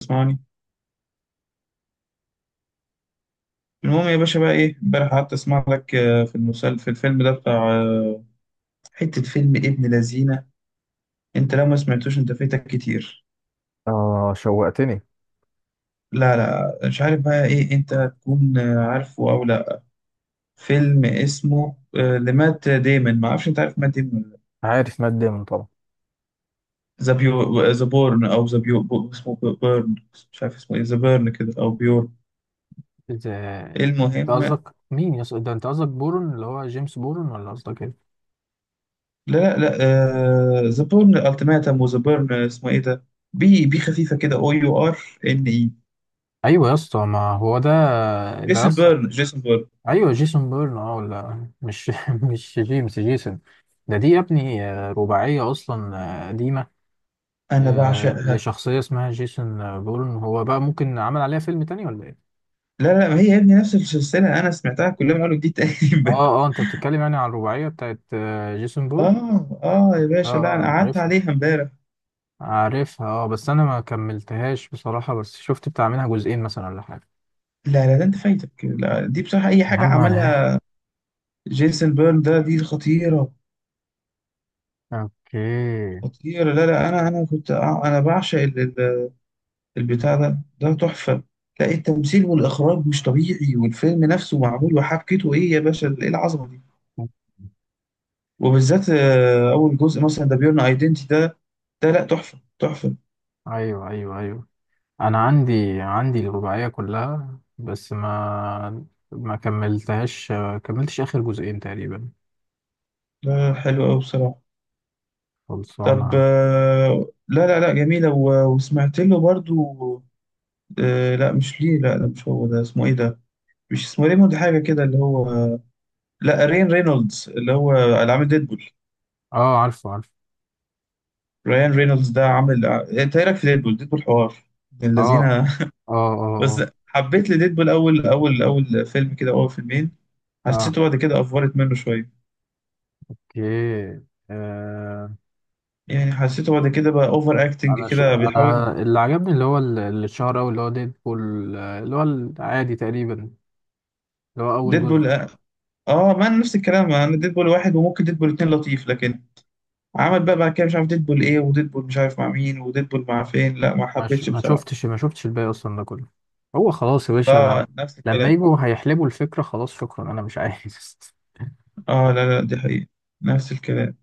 تسمعني؟ المهم يا باشا، بقى ايه؟ امبارح قعدت اسمع لك، في المسلسل، في الفيلم ده بتاع، حتة فيلم ابن لذينة. انت لو ما سمعتوش انت فايتك كتير. اه، شوقتني. لا لا، مش عارف بقى ايه، انت تكون عارفه او لا. فيلم اسمه لمات ديمون، ما اعرفش انت عارف مات ديمون ولا لا. عارف مات ديمون طبعا. ذا بيو ذا بورن، او ذا بيو اسمه بيرن. مش عارف اسمه ايه، ذا بيرن كده او بيور. انت انت المهم لا قصدك مين يا اسطى؟ ده انت قصدك بورن اللي هو جيمس بورن، ولا قصدك ايه؟ لا لا، ذا بورن التيماتم، وذا بيرن اسمه ايه ده؟ بي بي خفيفة كده، او يو ار ان اي. ايوه يا اسطى ما هو ده. ده يا جيسون اسطى. بيرن، جيسون بيرن، ايوه جيسون بورن اه، ولا مش مش جيمس، جيسون. ده، دي يا ابني، رباعيه اصلا. قديمه. انا بعشقها. لشخصيه اسمها جيسون، بورن، هو بقى ممكن عمل عليها فيلم تاني ولا ايه؟ لا لا، ما هي يا ابني نفس السلسله، انا سمعتها كلها من اول وجديد تاني اه امبارح. اه، انت بتتكلم يعني عن الرباعيه بتاعت جيسون بورن. اه اه يا اه باشا، لا انا اه، قعدت عارفها. عليها امبارح. عارفها اه، بس انا ما كملتهاش بصراحة، بس شفت بتاع منها جزئين مثلا ولا حاجة. لا لا، ده انت فايتك، لا دي بصراحه اي يا حاجه عم انا. عملها جيسون بيرن ده دي خطيره. اوكي. خطيره، لا لا، انا انا كنت انا بعشق البتاع ده، ده تحفه. لا، التمثيل والاخراج مش طبيعي، والفيلم نفسه معمول، وحبكته ايه يا باشا، ايه العظمه دي؟ وبالذات اول جزء مثلا، ده بيرن ايدنتي ده، ده لا تحفه تحفه. ايوه ايوه ايوه، انا عندي الرباعية كلها، بس ما كملتهاش. كملتش اخر جزئين تقريبا. لا حلو أوي بصراحة. طب خلصانة. لا لا لا، جميلة، وسمعت له برضو لا مش ليه، لا ده مش هو، ده اسمه ايه ده؟ مش اسمه ريموند حاجة كده اللي هو، لا رين رينولدز اللي هو اللي عامل ديدبول. اه، عارفه عارفه. ريان رينولدز ده عامل انت ايه رأيك في ديدبول؟ ديدبول حوار من الذين اه اه بس اه حبيت لديدبول اول اول اول فيلم كده، اول فيلمين. اه. حسيته بعد كده افورت منه شوية، اوكي. آه يعني حسيته بعد كده بقى اوفر اكتنج كده بيحاول. انا اللي عجبني اللي هو اللي اتشهر اوي، اللي هو ديدبول، اللي هو العادي تقريبا، اللي هو اول جزء. ديدبول، اه ما انا نفس الكلام، انا ديدبول واحد وممكن ديدبول اتنين لطيف، لكن عمل بقى بعد كده مش عارف ديدبول ايه، وديدبول مش عارف مع مين، وديدبول مع فين، لا ما حبيتش بصراحة. ما شفتش الباقي اصلا ده كله. هو خلاص يا باشا انا. اه نفس لما الكلام. يجوا هيحلبوا الفكره، خلاص شكرا، انا مش عايز. اه لا لا، دي حقيقة، نفس الكلام.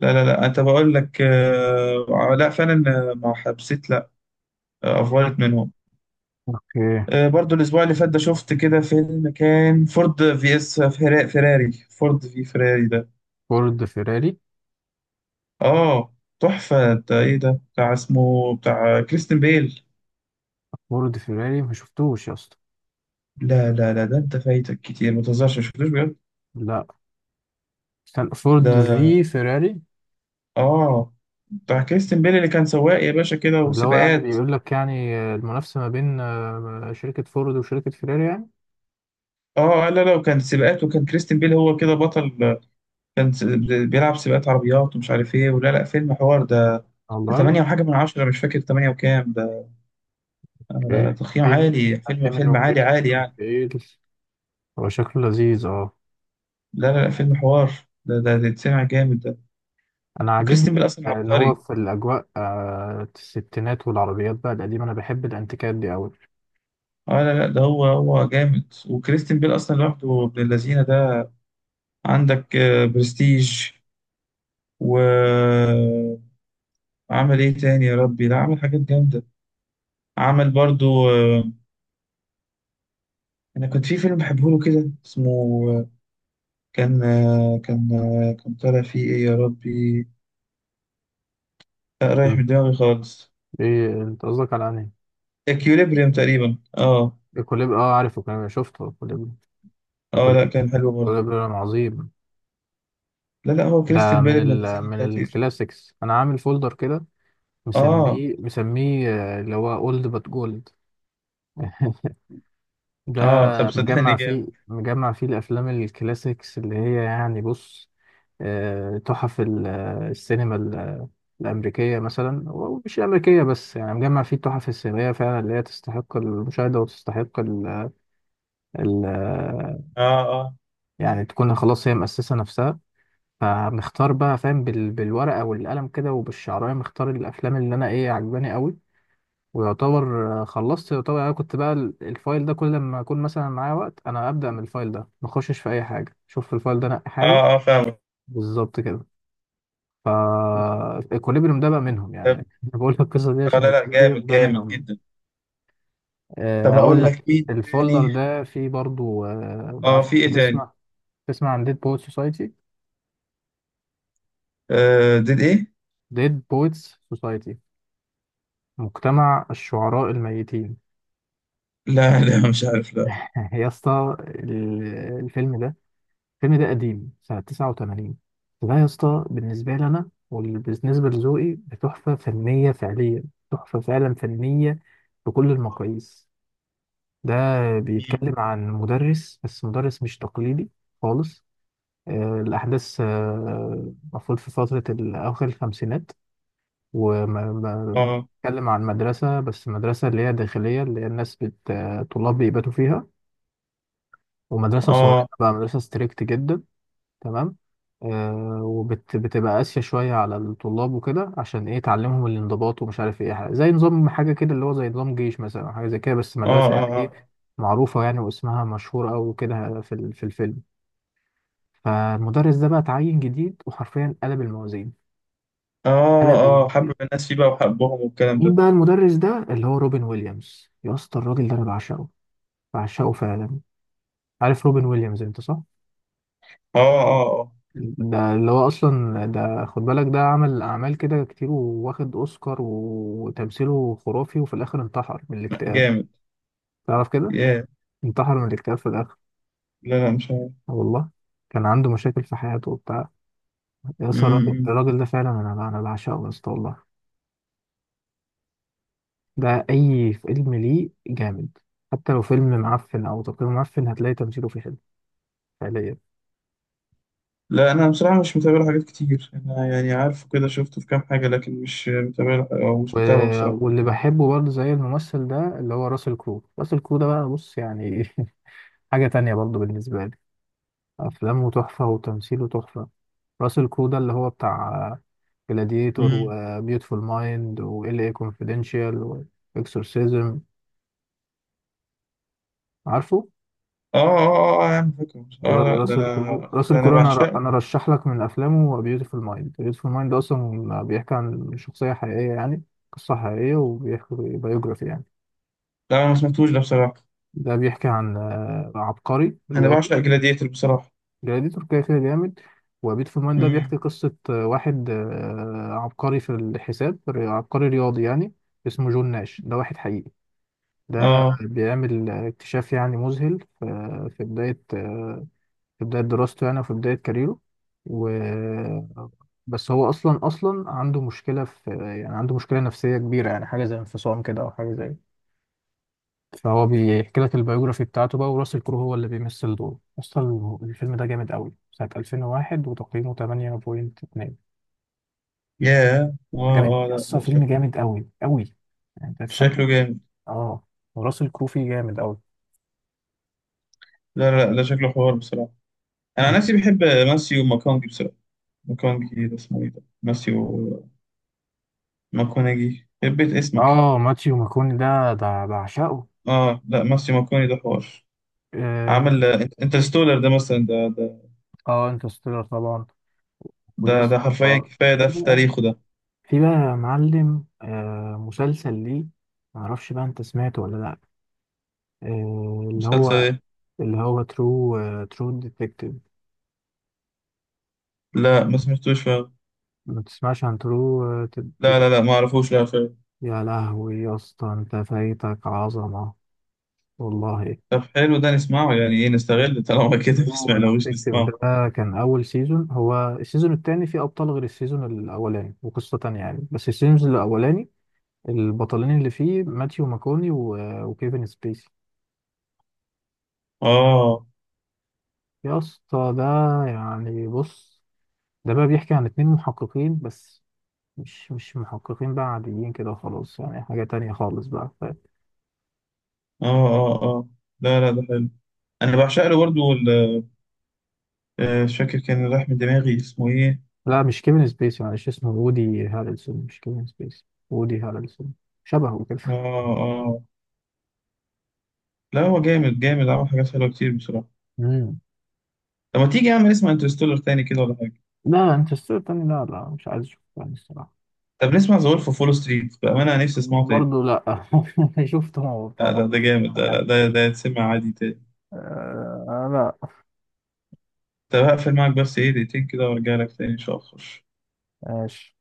لا لا لا، انت بقول لك آه، لا فعلا، ما حبسيت لا، افضلت منهم. اوكي. آه برضو الاسبوع اللي فات ده، شفت كده فيلم كان فورد في اس فيراري، فورد في فيراري ده، فورد فيراري. اه تحفة. ده ايه ده بتاع اسمه، بتاع كريستن بيل. فورد فيراري، ما شفتوش يا اسطى؟ لا لا لا، ده انت فايتك كتير، ما تهزرش، ما شفتوش بجد؟ لا. استنى، فورد ده في فيراري؟ اه، بتاع كريستن بيل، اللي كان سواق يا باشا كده، اللي هو يعني وسباقات. بيقول لك يعني المنافسه ما بين شركه فورد وشركه فيراري يعني. اه لا لا، وكان سباقات، وكان كريستن بيل هو كده بطل، كان س- بيلعب سباقات عربيات ومش عارف ايه ولا لا. فيلم حوار ده، ده والله. 8 وحاجه من 10، مش فاكر 8 وكام ده، اوكي. ده تقييم ديمن. عالي، فيلم ديمن فيلم عالي عالي وكريستيان يعني. بيل، هو شكله لذيذ اه. لا لا لا، فيلم حوار ده، ده ده اتسمع جامد ده. انا عاجبني وكريستن بيل اصلا ان هو عبقري. في الاجواء، الستينات والعربيات بقى القديمه، انا بحب الانتيكات دي قوي. اه لا لا، ده هو هو جامد، وكريستن بيل اصلا لوحده ابن اللذينه ده. عندك برستيج، وعمل ايه تاني يا ربي، لا عمل حاجات جامدة. عمل برضو آه، انا كنت في فيلم بحبه له كده اسمه آه، كان كان كان طالع فيه ايه يا ربي؟ لا رايح مم. من دماغي خالص. ايه انت قصدك على انهي؟ اكيوليبريم تقريبا، اه. الكوليب؟ اه، عارف الكوليب، شفته الكوليب. اه لا، الكوليب. كان حلو برضو. الكوليب عظيم. لا لا، هو ده كريستيان بيل من الذين من خطير. الكلاسيكس. انا عامل فولدر كده، اه مسميه اللي هو اولد بات جولد. ده اه، طب صدقني مجمع فيه جامد. مجمع فيه الافلام الكلاسيكس، اللي هي يعني بص، تحف السينما الامريكيه مثلا، ومش الامريكيه بس، يعني مجمع فيه التحف السينمائيه فعلا اللي هي تستحق المشاهده وتستحق ال- آه، اه اه يعني تكون خلاص هي مؤسسه نفسها. فمختار بقى فاهم بالورقه والقلم كده وبالشعرايه، مختار الافلام اللي انا ايه عجباني قوي. ويعتبر، خلصت، يعتبر انا كنت بقى الفايل ده كل ما اكون مثلا معايا وقت، انا ابدا من الفايل ده، ما اخشش في اي حاجه، شوف في الفايل ده نقي حاجه. اه، اه فاهمك. بالظبط كده. ف، الكوليبريم ده بقى منهم يعني. طب انا بقول لك القصه دي آه عشان لا لا، الكوليبريم جامد ده جامد منهم. جدا. أه، طب هقول اقول لك لك مين الفولدر تاني؟ ده فيه برضو، أه ما اه اعرفش في انت ايه تاني؟ تسمع، تسمع عن ديد بويت سوسايتي؟ آه ديد ايه؟ ديد بويتس سوسايتي، مجتمع الشعراء الميتين. لا لا، مش عارف لا. يا اسطى الفيلم ده. الفيلم ده قديم، سنة 89. فده يا اسطى بالنسبة لي أنا وبالنسبة لذوقي، بتحفة فنية فعلية. تحفة فعلا فنية. بكل المقاييس. ده مم. بيتكلم عن مدرس، بس مدرس مش تقليدي خالص. الأحداث، المفروض في فترة أواخر الخمسينات. اه وبيتكلم عن مدرسة، بس مدرسة اللي هي داخلية، اللي هي الناس بت... آه، طلاب بيباتوا فيها. ومدرسة صارمة اه بقى، مدرسة ستريكت جدا. تمام. وبتبقى قاسية شوية على الطلاب وكده، عشان ايه؟ تعلمهم الانضباط ومش عارف ايه حاجة. زي نظام حاجة كده، اللي هو زي نظام جيش مثلا أو حاجة زي كده، بس اه. مدرسة يعني ايه، اه معروفة يعني، واسمها مشهور أوي كده في في الفيلم. فالمدرس ده بقى اتعين جديد وحرفيا قلب الموازين. اه قلب اه. آه، الم... حب الناس فيه بقى وحبهم والكلام مين ده. بقى المدرس ده؟ اللي هو روبن ويليامز. يا اسطى الراجل ده انا بعشقه، بعشقه فعلا. عارف روبن ويليامز انت صح؟ اه اه اه. ده اللي هو اصلا، ده خد بالك، ده عمل اعمال كده كتير، وواخد اوسكار وتمثيله خرافي، وفي الاخر انتحر من لا، الاكتئاب. جامد. تعرف كده؟ ياه. انتحر من الاكتئاب في الاخر، لا لا، مش عارف. آه والله. كان عنده مشاكل في حياته وبتاع. يا اسطى الراجل مم. الراجل ده فعلا، انا بعشقه يا اسطى والله. ده اي فيلم ليه جامد. حتى لو فيلم معفن او تقييمه معفن، هتلاقي تمثيله فيه حلو فعليا. لا انا بصراحة مش متابع له حاجات كتير، انا يعني عارفه كده، شفته في كام حاجة، لكن مش متابع له او و... مش متابعه بصراحة. واللي بحبه برضه زي الممثل ده اللي هو راسل كرو. راسل كرو ده بقى، بص يعني، حاجة تانية برضه بالنسبة لي. أفلامه تحفة وتمثيله تحفة. راسل كرو ده اللي هو بتاع جلاديتور مم. وبيوتفول مايند وال اي كونفيدنشال واكسورسيزم، عارفه. اه اه اه، يا عم فاكره. اه لا، ده انا راسل ده انا كرو، بعشقه. انا رشح لك من افلامه بيوتفول مايند. بيوتفول مايند اصلا بيحكي عن شخصيه حقيقيه يعني، قصه حقيقيه، وبيحكي بايوجرافي يعني. لا انا ما سمعتوش ده بصراحة. ده بيحكي عن عبقري انا رياضي. بعشق جلاديتر بصراحة. جلاديتور كده كده جامد. وبيت فمان ده مم. بيحكي قصة واحد عبقري في الحساب، عبقري رياضي يعني. اسمه جون ناش، ده واحد حقيقي. ده اه. بيعمل اكتشاف يعني مذهل في، في بداية، في بداية دراسته يعني، وفي بداية كاريره. و، بس هو أصلا عنده مشكلة في يعني، عنده مشكلة نفسية كبيرة يعني، حاجة زي انفصام كده أو حاجة زي. فهو بيحكي لك البيوجرافي بتاعته بقى، وراسل كرو هو اللي بيمثل دوره. اصلا الفيلم ده جامد قوي، سنة 2001 وتقييمه 8.2. ياه جامد اه اه، لا اصلا، ده فيلم شكله، جامد قوي قوي، يعني انت هتستمتع شكله بيه. جامد. اه. وراسل كرو فيه جامد قوي. لا لا لا، شكله حوار بصراحة. أنا عن نفسي بحب ماسيو ماكونجي بصراحة. ماكونجي ده اسمه إيه ده؟ ماسيو ماكونجي بيت اسمك. اه، ماتيو ماكوني ده بعشقه. آه لا، ماسيو ماكوني ده حوار. اه، عمل انترستولر ده مثلا، ده ده انترستيلر طبعا. ويا ده، ده اسطى، حرفيا كفاية في ده في بقى، تاريخه ده. يا معلم، مسلسل ليه، معرفش بقى انت سمعته ولا لا. اللي مسلسل هو، إيه؟ اللي هو ترو، ترو ديتكتيف. لا ما سمعتوش فعلا. ما تسمعش عن ترو لا تدتك؟ لا لا، ما أعرفوش، لا فعلا. يا لهوي يا اسطى، انت فايتك عظمة والله. طب حلو، ده نسمعه يعني، إيه نستغل طالما كده ما ترو سمعناهوش، ديتكتيف ده، نسمعه. كان أول سيزون. هو السيزون التاني فيه أبطال غير السيزون الأولاني وقصة تانية يعني، بس السيزون الأولاني البطلين اللي فيه ماتيو ماكوني وكيفن سبيسي. آه يا اسطى ده، يعني بص، ده بقى بيحكي عن اتنين محققين، بس مش محققين بقى عاديين كده خلاص، يعني حاجة تانية خالص بقى. آه آه، آه لا لا، ده حلو، أنا بعشق له برضه. مش فاكر، كان راح من دماغي اسمه إيه. لا مش كيفن سبيسي، معلش اسمه وودي هارلسون، مش كيفن سبيسي، وودي هارلسون. شبهه كده. آه آه، لا هو جامد جامد، عمل حاجات حلوة كتير بصراحة. مم. طب ما تيجي يا عم نسمع انترستولر تاني كده ولا حاجة؟ لا انترستيلر تاني لا لا، مش عايز اشوفه تاني الصراحة. طب نسمع ذا وولف أوف وول ستريت، بأمانة أنا نفسي أسمعه تاني. برضه لا، شفته لا بتاع ده ده مرتين ولا جامد ده، لا حاجة. ده ده يتسمع عادي تاني. آه لا. طب هقفل معاك بس إيه، دقيقتين كده وأرجع لك تاني إن شاء الله. ماشي.